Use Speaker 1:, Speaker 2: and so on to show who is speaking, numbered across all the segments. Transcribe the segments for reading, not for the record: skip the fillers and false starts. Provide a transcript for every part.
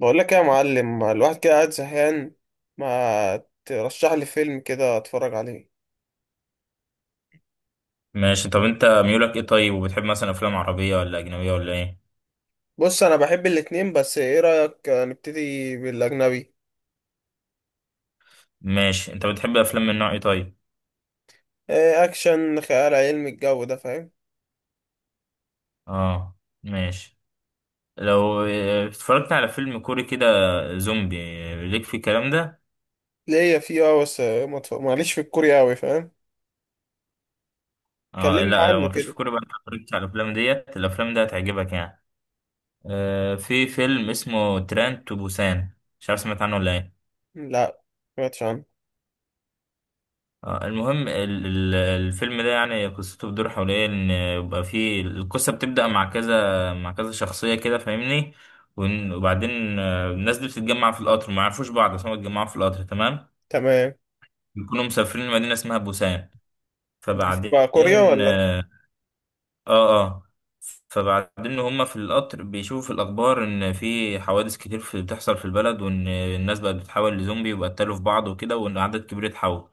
Speaker 1: بقول لك يا معلم، الواحد كده قاعد زهقان. ما ترشح لي فيلم كده اتفرج عليه.
Speaker 2: ماشي. طب انت ميولك ايه؟ طيب، وبتحب مثلا افلام عربية ولا اجنبية ولا ايه؟
Speaker 1: بص انا بحب الاتنين، بس ايه رأيك نبتدي بالاجنبي؟
Speaker 2: ماشي، انت بتحب افلام من نوع ايه طيب؟
Speaker 1: إيه، اكشن، خيال علمي، الجو ده، فاهم؟
Speaker 2: اه. ماشي. لو اتفرجت على فيلم كوري كده زومبي ليك في الكلام ده؟
Speaker 1: ليا فيه اه، بس ما اتف- معليش في الكوري اوي، فاهم.
Speaker 2: اه
Speaker 1: كلمني
Speaker 2: لا، لو
Speaker 1: عنه
Speaker 2: مالكش في
Speaker 1: كده.
Speaker 2: كوري بقى انت اتفرجت على الافلام دي هتعجبك يعني. اه، في فيلم اسمه تران تو بوسان، مش عارف سمعت عنه ولا ايه؟
Speaker 1: لا، ما سمعتش عنه.
Speaker 2: المهم الفيلم ده يعني قصته بتدور حول ايه، ان يبقى فيه القصه بتبدا مع كذا مع كذا شخصيه كده فاهمني. وبعدين الناس دي بتتجمع في القطر، ما يعرفوش بعض، بس هم بيتجمعوا في القطر تمام.
Speaker 1: تمام.
Speaker 2: بيكونوا مسافرين لمدينه اسمها بوسان. فبعدين.
Speaker 1: بقى كوريا ولا؟
Speaker 2: اه اه. آه. فبعدين هم في القطر بيشوفوا في الاخبار ان في حوادث كتير في بتحصل في البلد، وان الناس بقت بتتحول لزومبي وبقتلوا في بعض وكده، وان عدد كبير اتحول.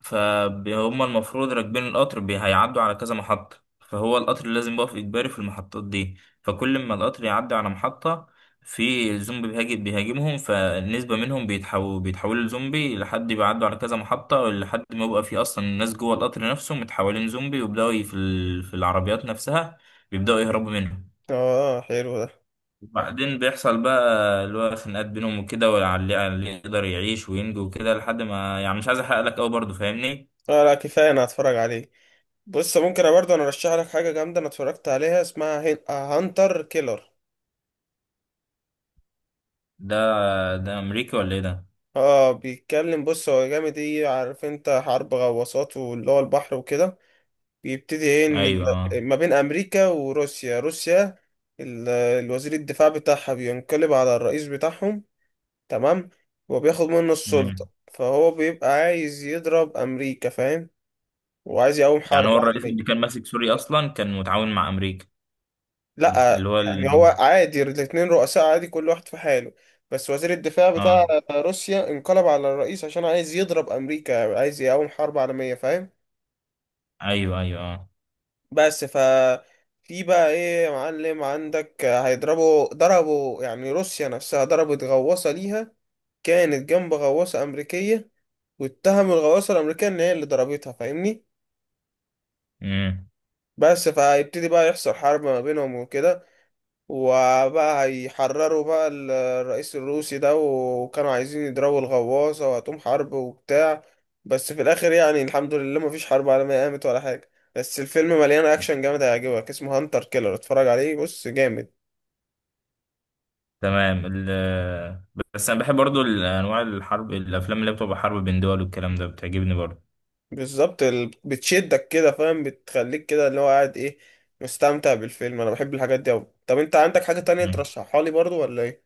Speaker 2: فهم المفروض راكبين القطر، هيعدوا على كذا محطة، فهو القطر لازم يقف إجباري في المحطات دي. فكل ما القطر يعدي على محطة، في زومبي بيهاجمهم، فالنسبة منهم بيتحولوا لزومبي، لحد بيعدوا على كذا محطة، لحد ما يبقى في أصلا الناس جوه القطر نفسه متحولين زومبي، ويبدأوا في العربيات نفسها بيبدأوا يهربوا منهم.
Speaker 1: اه، حلو ده.
Speaker 2: وبعدين بيحصل بقى اللي هو خناقات بينهم وكده، واللي اللي يقدر يعيش وينجو وكده، لحد ما، يعني مش عايز أحرق لك أوي برضه، فاهمني؟
Speaker 1: اه لا، كفايه، انا هتفرج عليه. بص ممكن أنا برضه ارشح لك حاجه جامده انا اتفرجت عليها، اسمها هانتر كيلر.
Speaker 2: ده، ده امريكي ولا ايه ده؟
Speaker 1: اه، بيتكلم، بص هو جامد، ايه عارف انت، حرب غواصات واللي هو البحر وكده. بيبتدي ايه، ان
Speaker 2: ايوه اه.
Speaker 1: ما بين امريكا وروسيا، روسيا الوزير الدفاع بتاعها بينقلب على الرئيس بتاعهم، تمام، وبياخد منه السلطة،
Speaker 2: مم.
Speaker 1: فهو بيبقى عايز يضرب امريكا، فاهم، وعايز يقوم
Speaker 2: يعني
Speaker 1: حرب
Speaker 2: هو الرئيس اللي
Speaker 1: عالمية.
Speaker 2: كان ماسك سوريا اصلا كان متعاون مع امريكا؟ اللي
Speaker 1: لا
Speaker 2: هو
Speaker 1: يعني هو
Speaker 2: ال...
Speaker 1: عادي، الاتنين رؤساء عادي كل واحد في حاله. بس وزير الدفاع بتاع
Speaker 2: اه،
Speaker 1: روسيا انقلب على الرئيس عشان عايز يضرب امريكا، عايز يقوم حرب عالمية، فاهم.
Speaker 2: ايوه ايوه اه.
Speaker 1: بس ف، في بقى ايه يا معلم عندك، هيضربوا، ضربوا يعني روسيا نفسها ضربت غواصة ليها، كانت جنب غواصة أمريكية، واتهموا الغواصة الأمريكية إن هي اللي ضربتها، فاهمني.
Speaker 2: مم.
Speaker 1: بس فهيبتدي بقى يحصل حرب ما بينهم وكده، وبقى هيحرروا بقى الرئيس الروسي ده، وكانوا عايزين يضربوا الغواصة وهتقوم حرب وبتاع. بس في الآخر يعني الحمد لله مفيش حرب عالمية قامت ولا حاجة، بس الفيلم مليان أكشن جامد، هيعجبك، اسمه هانتر كيلر، اتفرج عليه، بص جامد.
Speaker 2: تمام ال... بس انا بحب برضو انواع الحرب، الافلام اللي بتبقى حرب بين دول والكلام ده بتعجبني برضو.
Speaker 1: بالظبط، بتشدك كده فاهم، بتخليك كده اللي هو قاعد ايه، مستمتع بالفيلم. أنا بحب الحاجات دي أوي. طب أنت عندك حاجة تانية
Speaker 2: مم.
Speaker 1: ترشحها لي برضو ولا ايه؟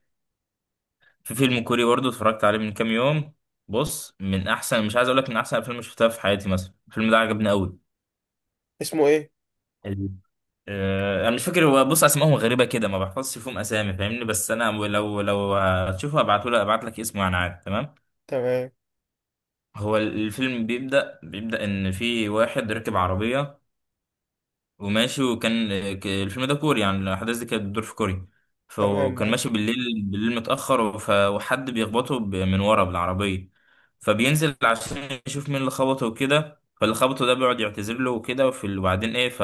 Speaker 2: في فيلم كوري برضو اتفرجت عليه من كام يوم. بص، من احسن مش عايز اقول لك من احسن الافلام اللي شفتها في حياتي، مثلا الفيلم ده عجبني قوي.
Speaker 1: اسمه ايه؟
Speaker 2: انا مش فاكر هو. بص، اسمائهم غريبه كده، ما بحفظش فيهم اسامي فاهمني. بس انا لو هتشوفه هبعته لك ابعت لك اسمه، يعني عادي، تمام.
Speaker 1: تمام.
Speaker 2: هو الفيلم بيبدا ان في واحد راكب عربيه وماشي، وكان الفيلم ده كوري، يعني الاحداث دي كانت بتدور في كوريا.
Speaker 1: تمام
Speaker 2: فكان
Speaker 1: معاك.
Speaker 2: ماشي بالليل، بالليل متاخر، وحد بيخبطه من ورا بالعربيه. فبينزل عشان يشوف مين اللي خبطه وكده، فاللي خبطه ده بيقعد يعتذر له وكده، وفي- وبعدين ايه ف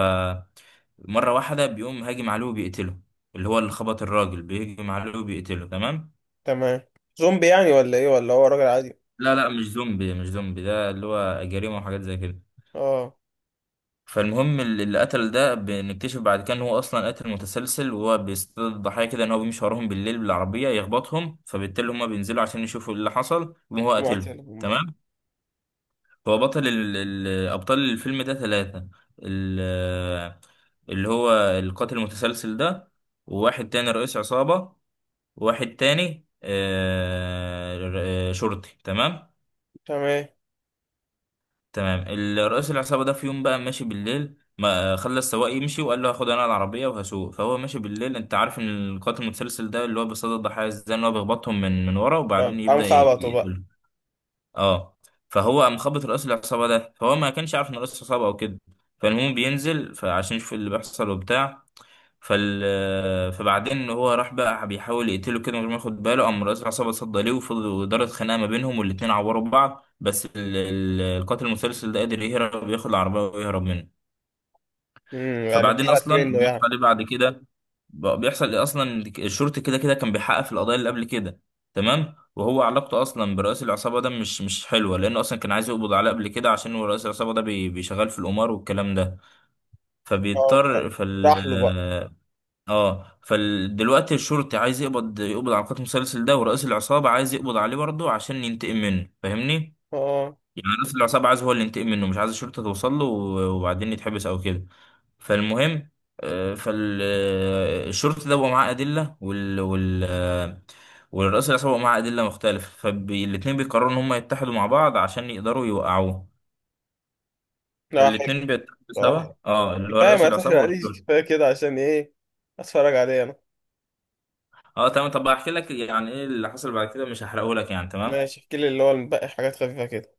Speaker 2: مرة واحدة بيقوم هاجم عليه وبيقتله. اللي هو اللي خبط الراجل بيهجم عليه وبيقتله، تمام.
Speaker 1: تمام. زومبي يعني ولا ايه، ولا هو راجل عادي؟
Speaker 2: لا لا، مش زومبي، ده اللي هو جريمة وحاجات زي كده.
Speaker 1: اه.
Speaker 2: فالمهم، اللي قتل ده بنكتشف بعد كده ان هو اصلا قاتل متسلسل، وهو بيصطاد الضحايا كده، ان هو بيمشي وراهم بالليل بالعربية يخبطهم، فبالتالي هما بينزلوا عشان يشوفوا إيه اللي حصل وهو قاتله.
Speaker 1: معتلهم بقى.
Speaker 2: تمام. هو بطل ال... ال... ابطال الفيلم ده 3. ال... اللي هو القاتل المتسلسل ده، وواحد تاني رئيس عصابة، واحد تاني شرطي، تمام.
Speaker 1: تمام.
Speaker 2: تمام. رئيس العصابة ده في يوم بقى ماشي بالليل، ما خلى السواق يمشي وقال له هاخد انا العربية وهسوق. فهو ماشي بالليل، انت عارف ان القاتل المتسلسل ده اللي هو بيصطاد الضحايا ازاي، ان هو بيخبطهم من ورا، وبعدين
Speaker 1: آه، قام
Speaker 2: يبدأ
Speaker 1: خبطه بقى.
Speaker 2: يقتلهم. اه. فهو قام خبط رئيس العصابة ده، فهو ما كانش عارف ان رئيس العصابة او كده. فالمهم بينزل فعشان يشوف اللي بيحصل وبتاع. فال فبعدين هو راح بقى بيحاول يقتله كده من غير ما ياخد باله. قام رئيس العصابة اتصدى ليه، وفضلوا دارت خناقة ما بينهم، والاتنين عوروا بعض، القاتل المسلسل ده قادر يهرب ياخد العربية ويهرب منه.
Speaker 1: امم، يعني
Speaker 2: فبعدين
Speaker 1: طلعت
Speaker 2: أصلا
Speaker 1: منه
Speaker 2: بيحصل
Speaker 1: يعني.
Speaker 2: عليه بعد كده. بقى بيحصل إيه؟ أصلا الشرطي كده كده كان بيحقق في القضايا اللي قبل كده، تمام. وهو علاقته أصلا برئيس العصابة ده مش حلوة، لأنه أصلا كان عايز يقبض عليه قبل كده عشان هو رئيس العصابة ده بيشغل في القمار والكلام ده.
Speaker 1: اه
Speaker 2: فبيضطر
Speaker 1: بقى.
Speaker 2: فال...
Speaker 1: راح له بقى.
Speaker 2: اه، فدلوقتي الشرطي عايز يقبض على قاتل المسلسل ده، ورئيس العصابة عايز يقبض عليه برضه عشان ينتقم منه، فاهمني؟
Speaker 1: اه.
Speaker 2: يعني رئيس العصابة عايز هو اللي ينتقم منه، مش عايز الشرطة توصل له وبعدين يتحبس أو كده. فالمهم، فالشرطي ده بقى معاه أدلة والرئيس العصابة بقى معاه أدلة مختلفة، فالاتنين بيقرروا إن هم يتحدوا مع بعض عشان يقدروا يوقعوه.
Speaker 1: لا حلو.
Speaker 2: فالاتنين بيتحدوا سوا،
Speaker 1: بصراحة
Speaker 2: اه، اللي هو
Speaker 1: كفاية،
Speaker 2: رئيس
Speaker 1: ما
Speaker 2: العصابة
Speaker 1: تحرقليش،
Speaker 2: والشرطي.
Speaker 1: كفاية كده، عشان ايه، اتفرج عليه انا.
Speaker 2: اه تمام. طب هحكي لك يعني ايه اللي حصل بعد كده، مش هحرقه لك يعني، تمام.
Speaker 1: ماشي، احكي لي اللي هو الباقي، حاجات خفيفة كده.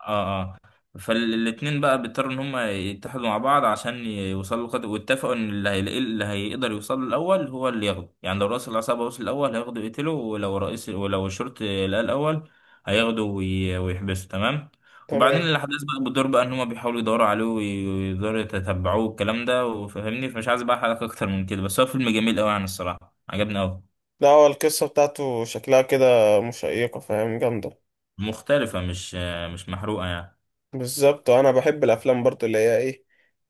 Speaker 2: اه اه. فالاتنين بقى بيضطروا ان هم يتحدوا مع بعض عشان يوصلوا لقدر، واتفقوا ان اللي هيلاقيه، اللي هيقدر يوصل له الاول هو اللي ياخده، يعني لو رئيس العصابة وصل الاول هياخده يقتله، ولو الشرطي لقاه الاول هياخده ويحبسه، تمام. وبعدين
Speaker 1: تمام.
Speaker 2: الاحداث بقى بتدور بقى ان هم بيحاولوا يدوروا عليه ويقدروا يتتبعوه، الكلام ده وفهمني. فمش عايز بقى حلقة اكتر من كده، بس هو فيلم جميل قوي يعني، الصراحة عجبني قوي.
Speaker 1: لا هو القصة بتاعته شكلها كده مشيقة، فاهم، جامدة.
Speaker 2: مختلفة، مش محروقة يعني.
Speaker 1: بالظبط، انا بحب الافلام برضو اللي هي ايه،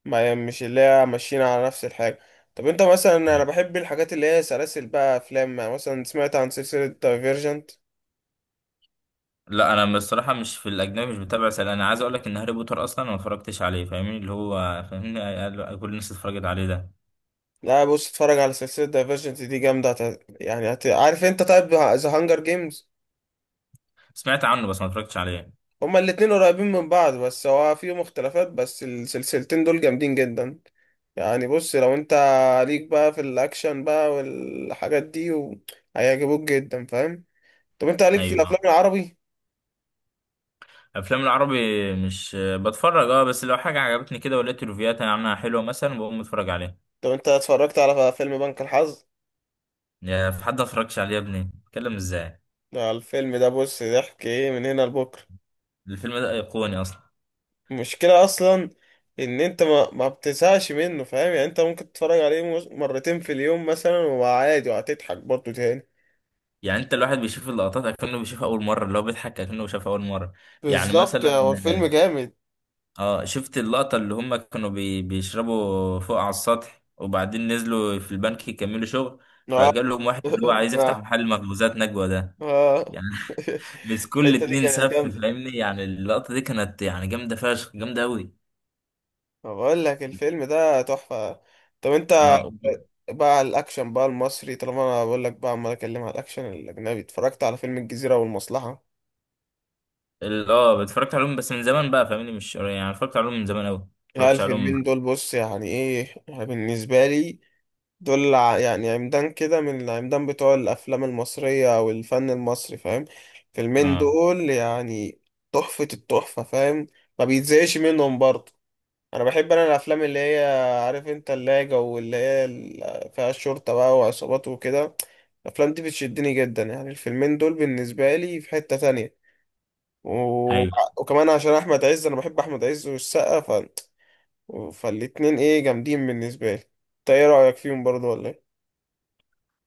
Speaker 1: ما مش اللي هي ماشيين على نفس الحاجه. طب انت مثلا، انا بحب الحاجات اللي هي سلاسل بقى افلام، يعني مثلا سمعت عن سلسله دايفيرجنت؟
Speaker 2: لا انا بصراحة مش في الاجنبي، مش بتابع سلسلة. انا عايز اقول لك ان هاري بوتر اصلا أنا ما اتفرجتش عليه، فاهمني، اللي هو، فاهمني، كل الناس اتفرجت عليه ده.
Speaker 1: لا بص، اتفرج على سلسله دايفيرجنت دي جامده، يعني عارف انت، طيب ذا هانجر جيمز،
Speaker 2: سمعت عنه بس ما اتفرجتش عليه.
Speaker 1: هما الاتنين قريبين من بعض، بس هو فيهم اختلافات، بس السلسلتين دول جامدين جدا. يعني بص لو انت ليك بقى في الاكشن بقى والحاجات دي و، هيعجبوك جدا، فاهم. طب انت ليك في
Speaker 2: ايوه آه.
Speaker 1: الافلام العربي؟
Speaker 2: افلام العربي مش بتفرج، اه، بس لو حاجة عجبتني كده ولقيت ريفيوهات عنها حلوة، مثلا بقوم اتفرج عليها.
Speaker 1: لو انت اتفرجت على فيلم بنك الحظ
Speaker 2: يا في حد ما اتفرجش عليه يا ابني، اتكلم ازاي؟
Speaker 1: ده، الفيلم ده بص ضحك ايه من هنا لبكره.
Speaker 2: الفيلم ده ايقوني اصلا.
Speaker 1: المشكله اصلا ان انت ما بتزهقش منه، فاهم، يعني انت ممكن تتفرج عليه مرتين في اليوم مثلا، وعادي، وهتضحك برضه تاني.
Speaker 2: يعني انت الواحد بيشوف اللقطات اكنه بيشوفها اول مرة، اللي هو بيضحك اكنه شافها اول مرة. يعني
Speaker 1: بالظبط،
Speaker 2: مثلا،
Speaker 1: هو الفيلم جامد.
Speaker 2: اه، شفت اللقطة اللي هم كانوا بيشربوا فوق على السطح، وبعدين نزلوا في البنك يكملوا شغل،
Speaker 1: اه،
Speaker 2: فجال لهم واحد اللي هو عايز يفتح محل مخبوزات نجوى ده،
Speaker 1: اه.
Speaker 2: يعني. مسكوا
Speaker 1: الحته دي
Speaker 2: الاتنين
Speaker 1: كانت
Speaker 2: سف،
Speaker 1: جامده.
Speaker 2: فاهمني، يعني اللقطة دي كانت يعني جامدة فشخ، جامدة أوي.
Speaker 1: بقول لك الفيلم ده تحفه. طب انت
Speaker 2: اه.
Speaker 1: بقى على الاكشن بقى المصري، طالما انا بقول لك بقى عمال اكلم على الاكشن الاجنبي، اتفرجت على فيلم الجزيره والمصلحه؟
Speaker 2: اتفرجت عليهم بس من زمان بقى، فاهمني، مش قريب، يعني اتفرجت عليهم من زمان أوي.
Speaker 1: العيال
Speaker 2: اتفرجتش
Speaker 1: في
Speaker 2: عليهم.
Speaker 1: المين دول، بص يعني ايه يعني بالنسبة لي، دول يعني عمدان كده من العمدان بتوع الأفلام المصرية أو الفن المصري، فاهم. فيلمين
Speaker 2: اه.
Speaker 1: دول يعني تحفة التحفة، فاهم، ما بيتزهقش منهم برضه. أنا بحب أنا الأفلام اللي هي عارف أنت، اللي هي جو اللي هي فيها الشرطة بقى وعصابات وكده. الأفلام دي بتشدني جدا، يعني الفيلمين دول بالنسبة لي في حتة تانية. و،
Speaker 2: ايوه.
Speaker 1: وكمان عشان أحمد عز، أنا بحب أحمد عز والسقا، فالاتنين ايه جامدين بالنسبة لي. انت ايه رأيك فيهم برضو ولا ايه؟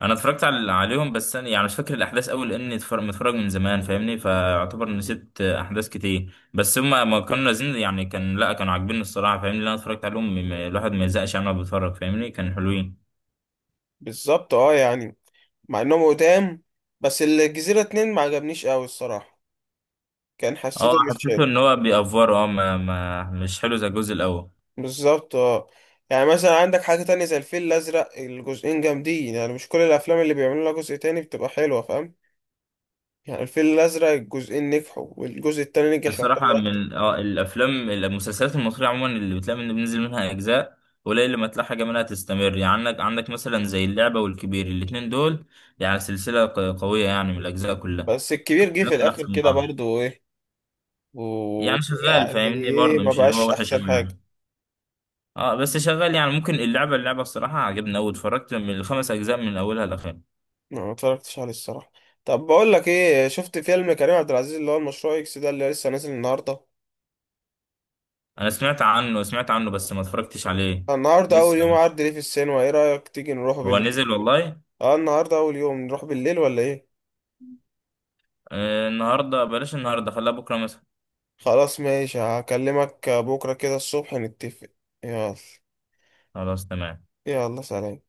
Speaker 2: انا اتفرجت عليهم، بس انا يعني مش فاكر الاحداث قوي لاني متفرج من زمان فاهمني، فاعتبر نسيت احداث كتير، بس هم ما كانوا نازلين يعني، لا كانوا عاجبيني الصراحه، فاهمني، اللي انا اتفرجت عليهم الواحد ما يزهقش يعني وهو بيتفرج فاهمني، كان حلوين.
Speaker 1: بالظبط اه، يعني مع انهم قدام، بس الجزيرة اتنين ما عجبنيش قوي الصراحة، كان
Speaker 2: اه،
Speaker 1: حسيته مش شاد.
Speaker 2: حسيته ان هو بيأفور، اه، ما مش حلو زي الجزء الاول.
Speaker 1: بالظبط اه، يعني مثلا عندك حاجة تانية زي الفيل الأزرق، الجزئين جامدين، يعني مش كل الأفلام اللي بيعملوا لها جزء تاني بتبقى حلوة، فاهم. يعني الفيل الأزرق الجزئين نجحوا، والجزء التاني نجح يعتبر
Speaker 2: الصراحه،
Speaker 1: أكتر.
Speaker 2: من اه الافلام، المسلسلات المصريه عموما اللي بتلاقي من بينزل منها اجزاء قليل لما تلاقي حاجه منها تستمر. يعني عندك مثلا زي اللعبه والكبير الاتنين دول، يعني سلسله قويه يعني من الاجزاء كلها.
Speaker 1: بس الكبير جه في
Speaker 2: ياكل
Speaker 1: الآخر
Speaker 2: احسن من
Speaker 1: كده
Speaker 2: بعض
Speaker 1: برضو ايه،
Speaker 2: يعني، شغال
Speaker 1: ويعني
Speaker 2: فاهمني،
Speaker 1: ايه،
Speaker 2: برضه
Speaker 1: ما
Speaker 2: مش اللي
Speaker 1: بقاش
Speaker 2: هو وحش
Speaker 1: أحسن
Speaker 2: قوي
Speaker 1: حاجة.
Speaker 2: يعني. اه، بس شغال، يعني ممكن اللعبه الصراحه عجبني قوي، اتفرجت من الـ 5 أجزاء من اولها لاخرها.
Speaker 1: ما اتفرجتش عليه الصراحة. طب بقول لك ايه، شفت فيلم كريم عبد العزيز اللي هو المشروع اكس ده اللي لسه نازل النهارده؟
Speaker 2: انا سمعت عنه بس ما اتفرجتش عليه.
Speaker 1: النهارده
Speaker 2: لسه.
Speaker 1: اول يوم عرض ليه في السينما، ايه رأيك تيجي نروح
Speaker 2: هو
Speaker 1: بالليل؟
Speaker 2: نزل والله؟
Speaker 1: اه النهارده اول يوم، نروح بالليل ولا ايه؟
Speaker 2: آه، النهارده بلاش، النهارده خليها بكره مثلا.
Speaker 1: خلاص ماشي، هكلمك بكرة كده الصبح نتفق. يلا.
Speaker 2: خلاص تمام.
Speaker 1: يلا سلام.